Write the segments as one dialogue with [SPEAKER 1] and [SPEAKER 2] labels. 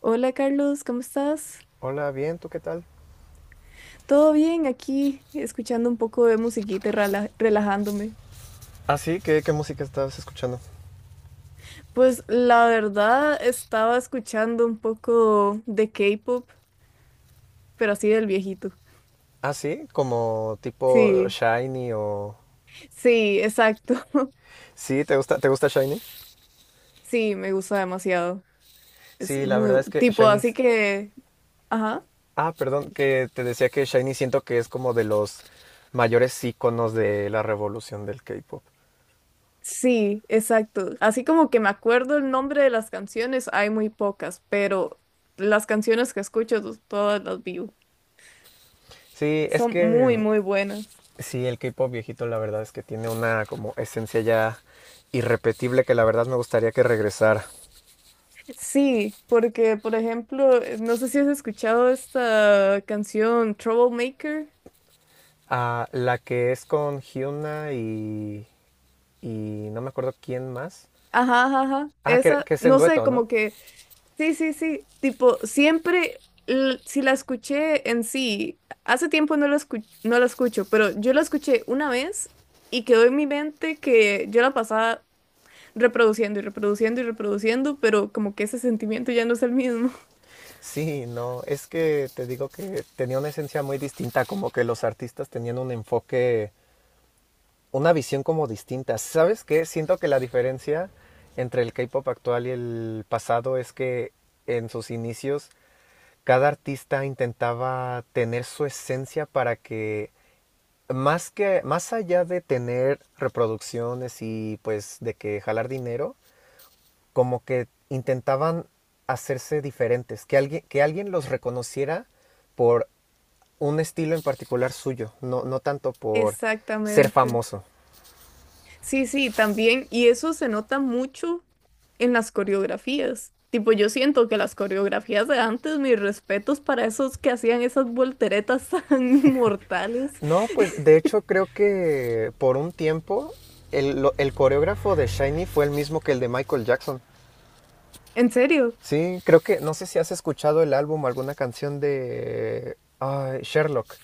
[SPEAKER 1] Hola Carlos, ¿cómo estás?
[SPEAKER 2] Hola, bien, ¿tú qué tal?
[SPEAKER 1] Todo bien aquí, escuchando un poco de musiquita y relajándome.
[SPEAKER 2] Ah, sí, ¿qué música estabas escuchando?
[SPEAKER 1] Pues la verdad estaba escuchando un poco de K-pop, pero así del viejito.
[SPEAKER 2] Ah, sí, como tipo
[SPEAKER 1] Sí,
[SPEAKER 2] Shiny o.
[SPEAKER 1] sí, exacto.
[SPEAKER 2] Sí, ¿te gusta Shiny?
[SPEAKER 1] Sí, me gusta demasiado. Es
[SPEAKER 2] Sí, la verdad es que
[SPEAKER 1] tipo,
[SPEAKER 2] Shiny...
[SPEAKER 1] así
[SPEAKER 2] es-
[SPEAKER 1] que, ajá.
[SPEAKER 2] Ah, perdón, que te decía que Shiny siento que es como de los mayores íconos de la revolución del K-pop.
[SPEAKER 1] Sí, exacto. Así como que me acuerdo el nombre de las canciones, hay muy pocas, pero las canciones que escucho todas las vivo.
[SPEAKER 2] Sí, es
[SPEAKER 1] Son
[SPEAKER 2] que
[SPEAKER 1] muy, muy buenas.
[SPEAKER 2] sí, el K-pop viejito la verdad es que tiene una como esencia ya irrepetible que la verdad me gustaría que regresara.
[SPEAKER 1] Sí, porque por ejemplo, no sé si has escuchado esta canción Troublemaker.
[SPEAKER 2] Ah, la que es con Hyuna y no me acuerdo quién más.
[SPEAKER 1] Ajá, ajá, ajá.
[SPEAKER 2] Ah, que,
[SPEAKER 1] Esa,
[SPEAKER 2] que es en
[SPEAKER 1] no sé,
[SPEAKER 2] dueto,
[SPEAKER 1] como
[SPEAKER 2] ¿no?
[SPEAKER 1] que, sí, sí, sí. Tipo, siempre, si la escuché en sí, hace tiempo no la escucho, pero yo la escuché una vez y quedó en mi mente que yo la pasaba reproduciendo y reproduciendo y reproduciendo, pero como que ese sentimiento ya no es el mismo.
[SPEAKER 2] Sí, no, es que te digo que tenía una esencia muy distinta, como que los artistas tenían un enfoque, una visión como distinta. ¿Sabes qué? Siento que la diferencia entre el K-pop actual y el pasado es que en sus inicios cada artista intentaba tener su esencia para que más allá de tener reproducciones y pues de que jalar dinero, como que intentaban hacerse diferentes, que alguien los reconociera por un estilo en particular suyo, no, no tanto por ser
[SPEAKER 1] Exactamente.
[SPEAKER 2] famoso.
[SPEAKER 1] Sí, sí, también. Y eso se nota mucho en las coreografías. Tipo, yo siento que las coreografías de antes, mis respetos para esos que hacían esas volteretas tan mortales.
[SPEAKER 2] No, pues de hecho creo que por un tiempo el coreógrafo de Shiny fue el mismo que el de Michael Jackson.
[SPEAKER 1] ¿En serio?
[SPEAKER 2] Sí, creo que, no sé si has escuchado el álbum o alguna canción de ay, Sherlock.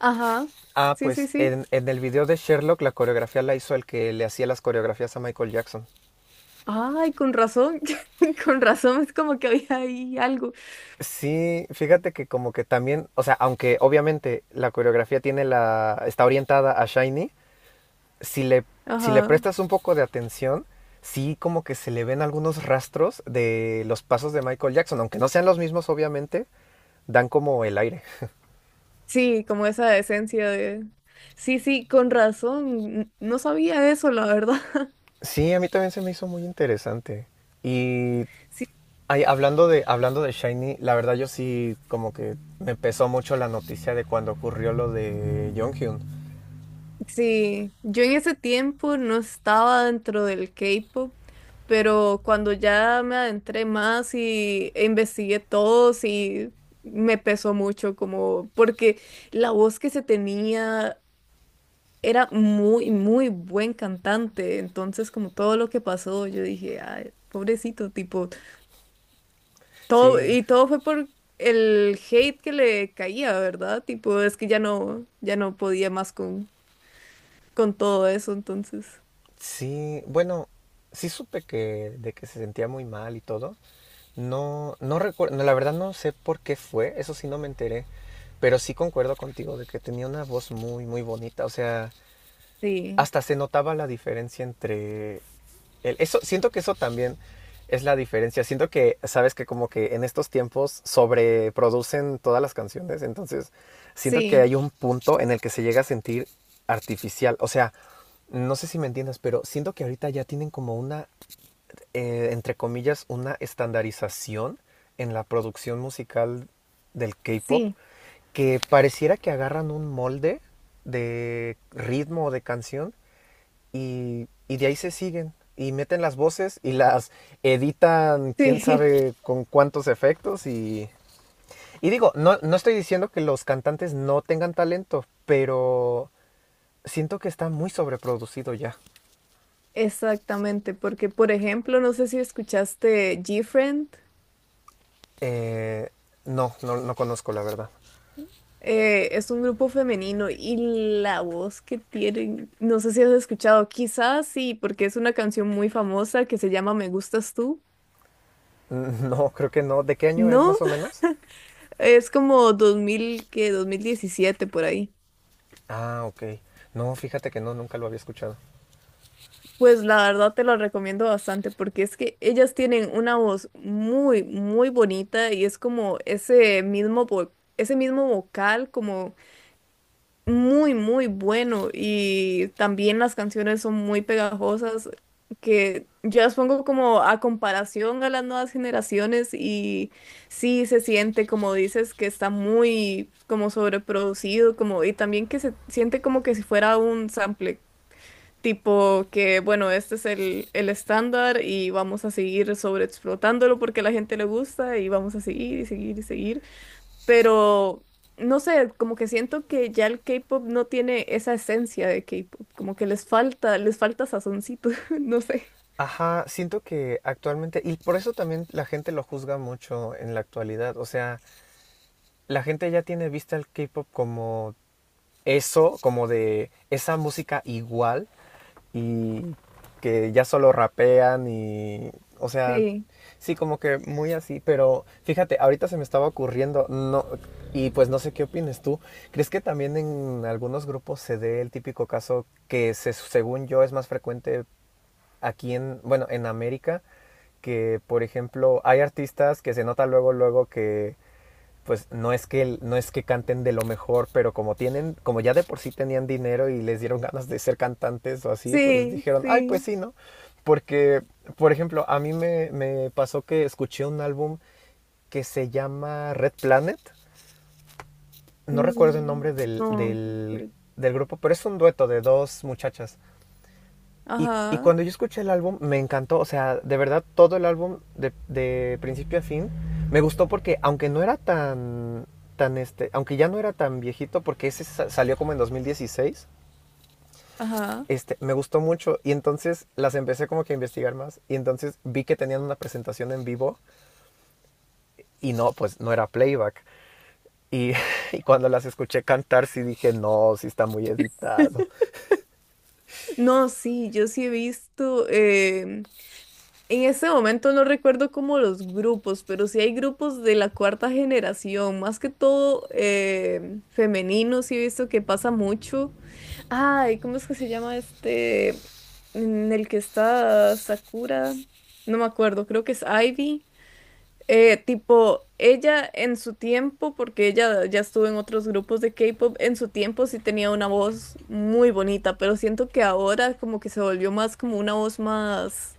[SPEAKER 1] Ajá.
[SPEAKER 2] Ah,
[SPEAKER 1] Sí, sí,
[SPEAKER 2] pues
[SPEAKER 1] sí.
[SPEAKER 2] en el video de Sherlock la coreografía la hizo el que le hacía las coreografías a Michael Jackson.
[SPEAKER 1] Ay, con razón. Con razón es como que había ahí algo.
[SPEAKER 2] Sí, fíjate que como que también, o sea, aunque obviamente la coreografía tiene la, está orientada a Shiny, si le, si le
[SPEAKER 1] Ajá.
[SPEAKER 2] prestas un poco de atención, sí como que se le ven algunos rastros de los pasos de Michael Jackson, aunque no sean los mismos obviamente, dan como el aire.
[SPEAKER 1] Sí, como esa esencia de... Sí, sí, con razón. No sabía eso, la verdad.
[SPEAKER 2] Sí, a mí también se me hizo muy interesante. Y
[SPEAKER 1] Sí,
[SPEAKER 2] ay, hablando de Shiny, la verdad yo sí como que me pesó mucho la noticia de cuando ocurrió lo de Jonghyun.
[SPEAKER 1] sí, yo en ese tiempo no estaba dentro del K-pop, pero cuando ya me adentré más y investigué todo, sí me pesó mucho, como porque la voz que se tenía era muy, muy buen cantante. Entonces, como todo lo que pasó, yo dije, ay, pobrecito, tipo, todo,
[SPEAKER 2] Sí,
[SPEAKER 1] y todo fue por el hate que le caía, ¿verdad? Tipo, es que ya no podía más con todo eso, entonces.
[SPEAKER 2] sí, bueno, sí supe que se sentía muy mal y todo. No, no recuerdo, la verdad no sé por qué fue, eso sí no me enteré, pero sí concuerdo contigo de que tenía una voz muy, muy bonita. O sea,
[SPEAKER 1] Sí.
[SPEAKER 2] hasta se notaba la diferencia entre eso, siento que eso también es la diferencia. Siento que, sabes que como que en estos tiempos sobreproducen todas las canciones, entonces siento que
[SPEAKER 1] Sí,
[SPEAKER 2] hay un punto en el que se llega a sentir artificial. O sea, no sé si me entiendas, pero siento que ahorita ya tienen como una, entre comillas, una estandarización en la producción musical del K-pop
[SPEAKER 1] sí,
[SPEAKER 2] que pareciera que agarran un molde de ritmo o de canción y de ahí se siguen y meten las voces y las editan quién
[SPEAKER 1] sí,
[SPEAKER 2] sabe con cuántos efectos y. Y digo, no, no estoy diciendo que los cantantes no tengan talento, pero siento que está muy sobreproducido ya.
[SPEAKER 1] exactamente, porque por ejemplo, no sé si escuchaste G-Friend,
[SPEAKER 2] Eh, no, no, no conozco la verdad.
[SPEAKER 1] es un grupo femenino y la voz que tienen, no sé si has escuchado, quizás sí, porque es una canción muy famosa que se llama Me gustas tú,
[SPEAKER 2] No, creo que no. ¿De qué año es
[SPEAKER 1] ¿no?
[SPEAKER 2] más o menos?
[SPEAKER 1] Es como 2017 por ahí.
[SPEAKER 2] Ah, ok. No, fíjate que no, nunca lo había escuchado.
[SPEAKER 1] Pues la verdad te lo recomiendo bastante porque es que ellas tienen una voz muy, muy bonita y es como ese mismo, ese mismo vocal como muy, muy bueno y también las canciones son muy pegajosas que yo las pongo como a comparación a las nuevas generaciones y sí se siente, como dices, que está muy como sobreproducido, como y también que se siente como que si fuera un sample. Tipo que, bueno, este es el estándar y vamos a seguir sobreexplotándolo porque a la gente le gusta y vamos a seguir y seguir y seguir, pero no sé, como que siento que ya el K-pop no tiene esa esencia de K-pop, como que les falta sazoncito, no sé.
[SPEAKER 2] Ajá, siento que actualmente, y por eso también la gente lo juzga mucho en la actualidad, o sea, la gente ya tiene vista al K-pop como eso, como de esa música igual, y que ya solo rapean y, o sea,
[SPEAKER 1] Sí,
[SPEAKER 2] sí, como que muy así, pero fíjate, ahorita se me estaba ocurriendo, no, y pues no sé qué opines tú, ¿crees que también en algunos grupos se dé el típico caso que según yo es más frecuente aquí en, bueno, en América? Que por ejemplo hay artistas que se nota luego luego que pues no es que canten de lo mejor, pero como tienen, como ya de por sí tenían dinero y les dieron ganas de ser cantantes o así, pues
[SPEAKER 1] sí,
[SPEAKER 2] dijeron, ay, pues
[SPEAKER 1] sí.
[SPEAKER 2] sí, ¿no? Porque, por ejemplo, a mí me pasó que escuché un álbum que se llama Red Planet. No recuerdo el
[SPEAKER 1] Mm,
[SPEAKER 2] nombre del,
[SPEAKER 1] no,
[SPEAKER 2] del,
[SPEAKER 1] creo-
[SPEAKER 2] del grupo, pero es un dueto de dos muchachas. Y
[SPEAKER 1] ajá,
[SPEAKER 2] cuando yo escuché el álbum, me encantó. O sea, de verdad, todo el álbum, de principio a fin, me gustó porque, aunque no era tan. Este, aunque ya no era tan viejito, porque ese salió como en 2016,
[SPEAKER 1] ajá.
[SPEAKER 2] este, me gustó mucho. Y entonces las empecé como que a investigar más. Y entonces vi que tenían una presentación en vivo. Y no, pues no era playback. Y, y cuando las escuché cantar, sí dije, no, sí está muy editado.
[SPEAKER 1] No, sí, yo sí he visto, en ese momento no recuerdo como los grupos, pero sí hay grupos de la cuarta generación, más que todo femeninos, sí he visto que pasa mucho. Ay, ¿cómo es que se llama este en el que está Sakura? No me acuerdo, creo que es Ivy. Tipo, ella en su tiempo, porque ella ya estuvo en otros grupos de K-pop, en su tiempo sí tenía una voz muy bonita, pero siento que ahora como que se volvió más como una voz más,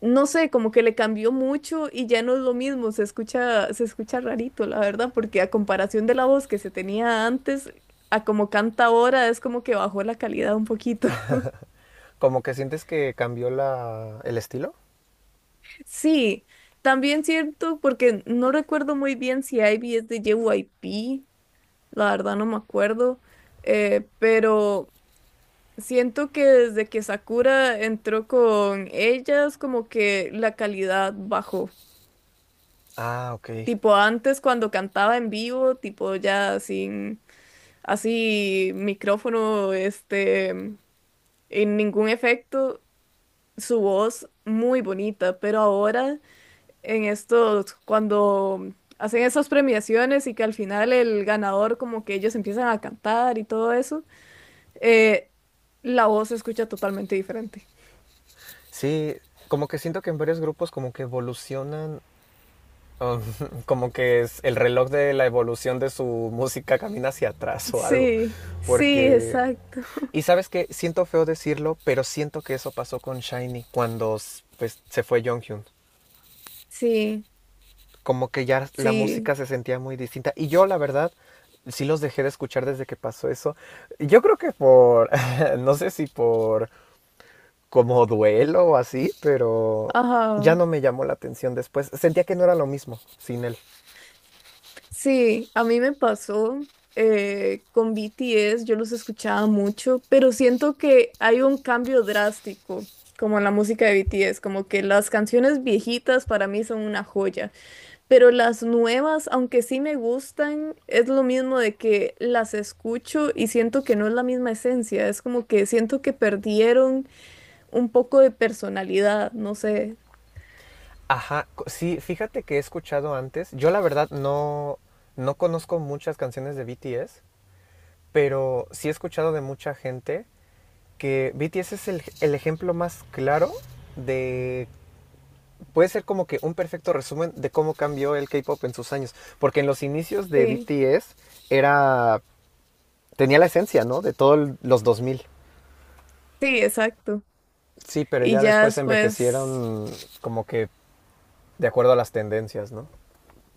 [SPEAKER 1] no sé, como que le cambió mucho y ya no es lo mismo, se escucha rarito, la verdad, porque a comparación de la voz que se tenía antes, a como canta ahora, es como que bajó la calidad un poquito.
[SPEAKER 2] Como que sientes que cambió la, el estilo.
[SPEAKER 1] Sí, también cierto, porque no recuerdo muy bien si Ivy es de JYP, la verdad no me acuerdo, pero siento que desde que Sakura entró con ellas, como que la calidad bajó.
[SPEAKER 2] Ah, ok.
[SPEAKER 1] Tipo antes cuando cantaba en vivo, tipo ya sin así micrófono, este, en ningún efecto, su voz muy bonita, pero ahora en estos, cuando hacen esas premiaciones y que al final el ganador como que ellos empiezan a cantar y todo eso, eh, la voz se escucha totalmente diferente.
[SPEAKER 2] Sí, como que siento que en varios grupos como que evolucionan, um, como que es el reloj de la evolución de su música camina hacia atrás o algo,
[SPEAKER 1] Sí, sí,
[SPEAKER 2] porque.
[SPEAKER 1] exacto.
[SPEAKER 2] Y sabes que siento feo decirlo, pero siento que eso pasó con Shiny cuando pues, se fue Jonghyun.
[SPEAKER 1] Sí,
[SPEAKER 2] Como que ya la
[SPEAKER 1] sí.
[SPEAKER 2] música se sentía muy distinta. Y yo, la verdad, sí los dejé de escuchar desde que pasó eso. Yo creo que por, no sé si por como duelo o así, pero ya
[SPEAKER 1] Ajá.
[SPEAKER 2] no me llamó la atención después. Sentía que no era lo mismo sin él.
[SPEAKER 1] Sí, a mí me pasó con BTS, yo los escuchaba mucho, pero siento que hay un cambio drástico, como en la música de BTS, como que las canciones viejitas para mí son una joya, pero las nuevas, aunque sí me gustan, es lo mismo de que las escucho y siento que no es la misma esencia, es como que siento que perdieron un poco de personalidad, no sé.
[SPEAKER 2] Ajá, sí, fíjate que he escuchado antes. Yo la verdad no, no conozco muchas canciones de BTS, pero sí he escuchado de mucha gente que BTS es el ejemplo más claro de. Puede ser como que un perfecto resumen de cómo cambió el K-Pop en sus años. Porque en los inicios de
[SPEAKER 1] Sí,
[SPEAKER 2] BTS era. Tenía la esencia, ¿no? De todos los 2000.
[SPEAKER 1] sí, exacto.
[SPEAKER 2] Sí, pero
[SPEAKER 1] Y
[SPEAKER 2] ya
[SPEAKER 1] ya
[SPEAKER 2] después
[SPEAKER 1] después...
[SPEAKER 2] envejecieron como que de acuerdo a las tendencias, ¿no?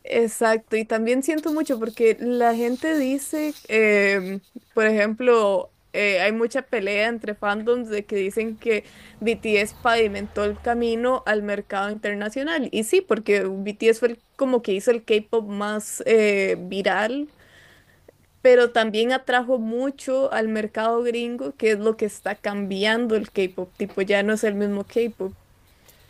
[SPEAKER 1] Exacto, y también siento mucho porque la gente dice, por ejemplo, hay mucha pelea entre fandoms de que dicen que BTS pavimentó el camino al mercado internacional. Y sí, porque BTS como que hizo el K-pop más, viral, pero también atrajo mucho al mercado gringo, que es lo que está cambiando el K-pop, tipo ya no es el mismo K-pop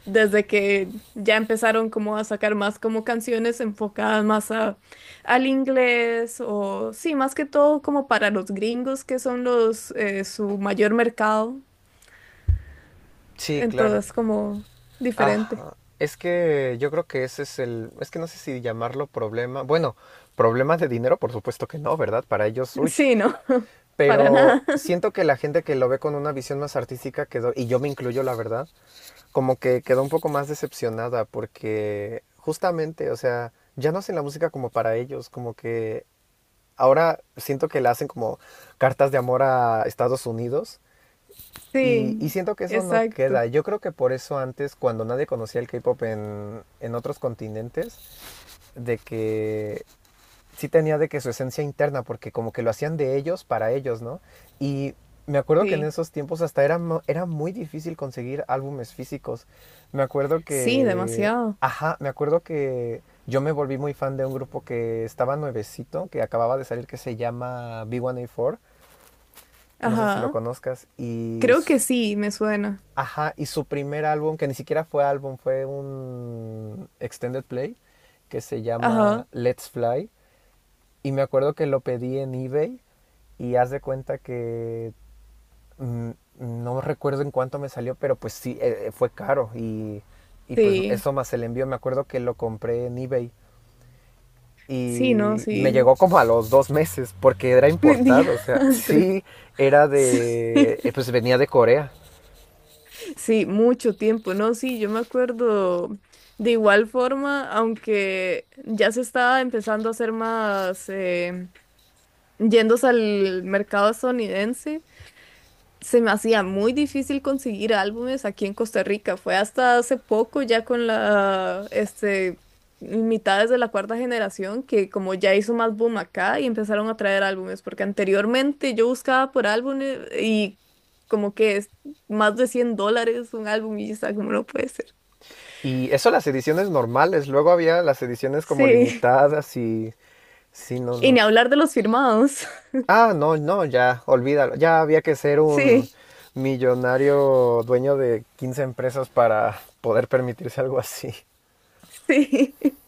[SPEAKER 1] desde que ya empezaron como a sacar más como canciones enfocadas más a, al inglés o sí, más que todo como para los gringos que son los, su mayor mercado,
[SPEAKER 2] Sí, claro.
[SPEAKER 1] entonces como diferente.
[SPEAKER 2] Ajá. Es que yo creo que ese es el, es que no sé si llamarlo problema. Bueno, problemas de dinero, por supuesto que no, ¿verdad? Para ellos, uy.
[SPEAKER 1] Sí, no, para
[SPEAKER 2] Pero
[SPEAKER 1] nada.
[SPEAKER 2] siento que la gente que lo ve con una visión más artística quedó, y yo me incluyo, la verdad, como que quedó un poco más decepcionada porque justamente, o sea, ya no hacen la música como para ellos, como que ahora siento que le hacen como cartas de amor a Estados Unidos y
[SPEAKER 1] Sí,
[SPEAKER 2] siento que eso no
[SPEAKER 1] exacto,
[SPEAKER 2] queda. Yo creo que por eso antes, cuando nadie conocía el K-pop en otros continentes, de que sí tenía de que su esencia interna, porque como que lo hacían de ellos para ellos, ¿no? Y me acuerdo que en
[SPEAKER 1] sí.
[SPEAKER 2] esos tiempos hasta era muy difícil conseguir álbumes físicos. Me acuerdo
[SPEAKER 1] Sí,
[SPEAKER 2] que.
[SPEAKER 1] demasiado.
[SPEAKER 2] Ajá, me acuerdo que yo me volví muy fan de un grupo que estaba nuevecito, que acababa de salir, que se llama B1A4. No sé si lo
[SPEAKER 1] Ajá.
[SPEAKER 2] conozcas. Y.
[SPEAKER 1] Creo que sí, me suena.
[SPEAKER 2] Ajá, y su primer álbum, que ni siquiera fue álbum, fue un extended play, que se
[SPEAKER 1] Ajá.
[SPEAKER 2] llama Let's Fly. Y me acuerdo que lo pedí en eBay y haz de cuenta que mm, no recuerdo en cuánto me salió, pero pues sí, fue caro y pues
[SPEAKER 1] Sí.
[SPEAKER 2] eso más el envío, me acuerdo que lo compré en eBay
[SPEAKER 1] Sí, no,
[SPEAKER 2] y me
[SPEAKER 1] sí.
[SPEAKER 2] llegó como a los 2 meses porque era importado, o sea,
[SPEAKER 1] Diantre.
[SPEAKER 2] sí era
[SPEAKER 1] Sí.
[SPEAKER 2] de, pues venía de Corea.
[SPEAKER 1] Sí, mucho tiempo, no, sí, yo me acuerdo de igual forma, aunque ya se estaba empezando a hacer más, yéndose al mercado estadounidense, se me hacía muy difícil conseguir álbumes aquí en Costa Rica. Fue hasta hace poco, ya con la, este, mitades de la cuarta generación, que como ya hizo más boom acá y empezaron a traer álbumes, porque anteriormente yo buscaba por álbumes y como que es más de $100 un álbum y está como no puede ser.
[SPEAKER 2] Y eso las ediciones normales, luego había las ediciones como
[SPEAKER 1] Sí,
[SPEAKER 2] limitadas y sí, no,
[SPEAKER 1] y ni
[SPEAKER 2] no.
[SPEAKER 1] hablar de los firmados.
[SPEAKER 2] Ah, no, no, ya, olvídalo. Ya había que ser un
[SPEAKER 1] Sí,
[SPEAKER 2] millonario dueño de 15 empresas para poder permitirse algo así.
[SPEAKER 1] sí.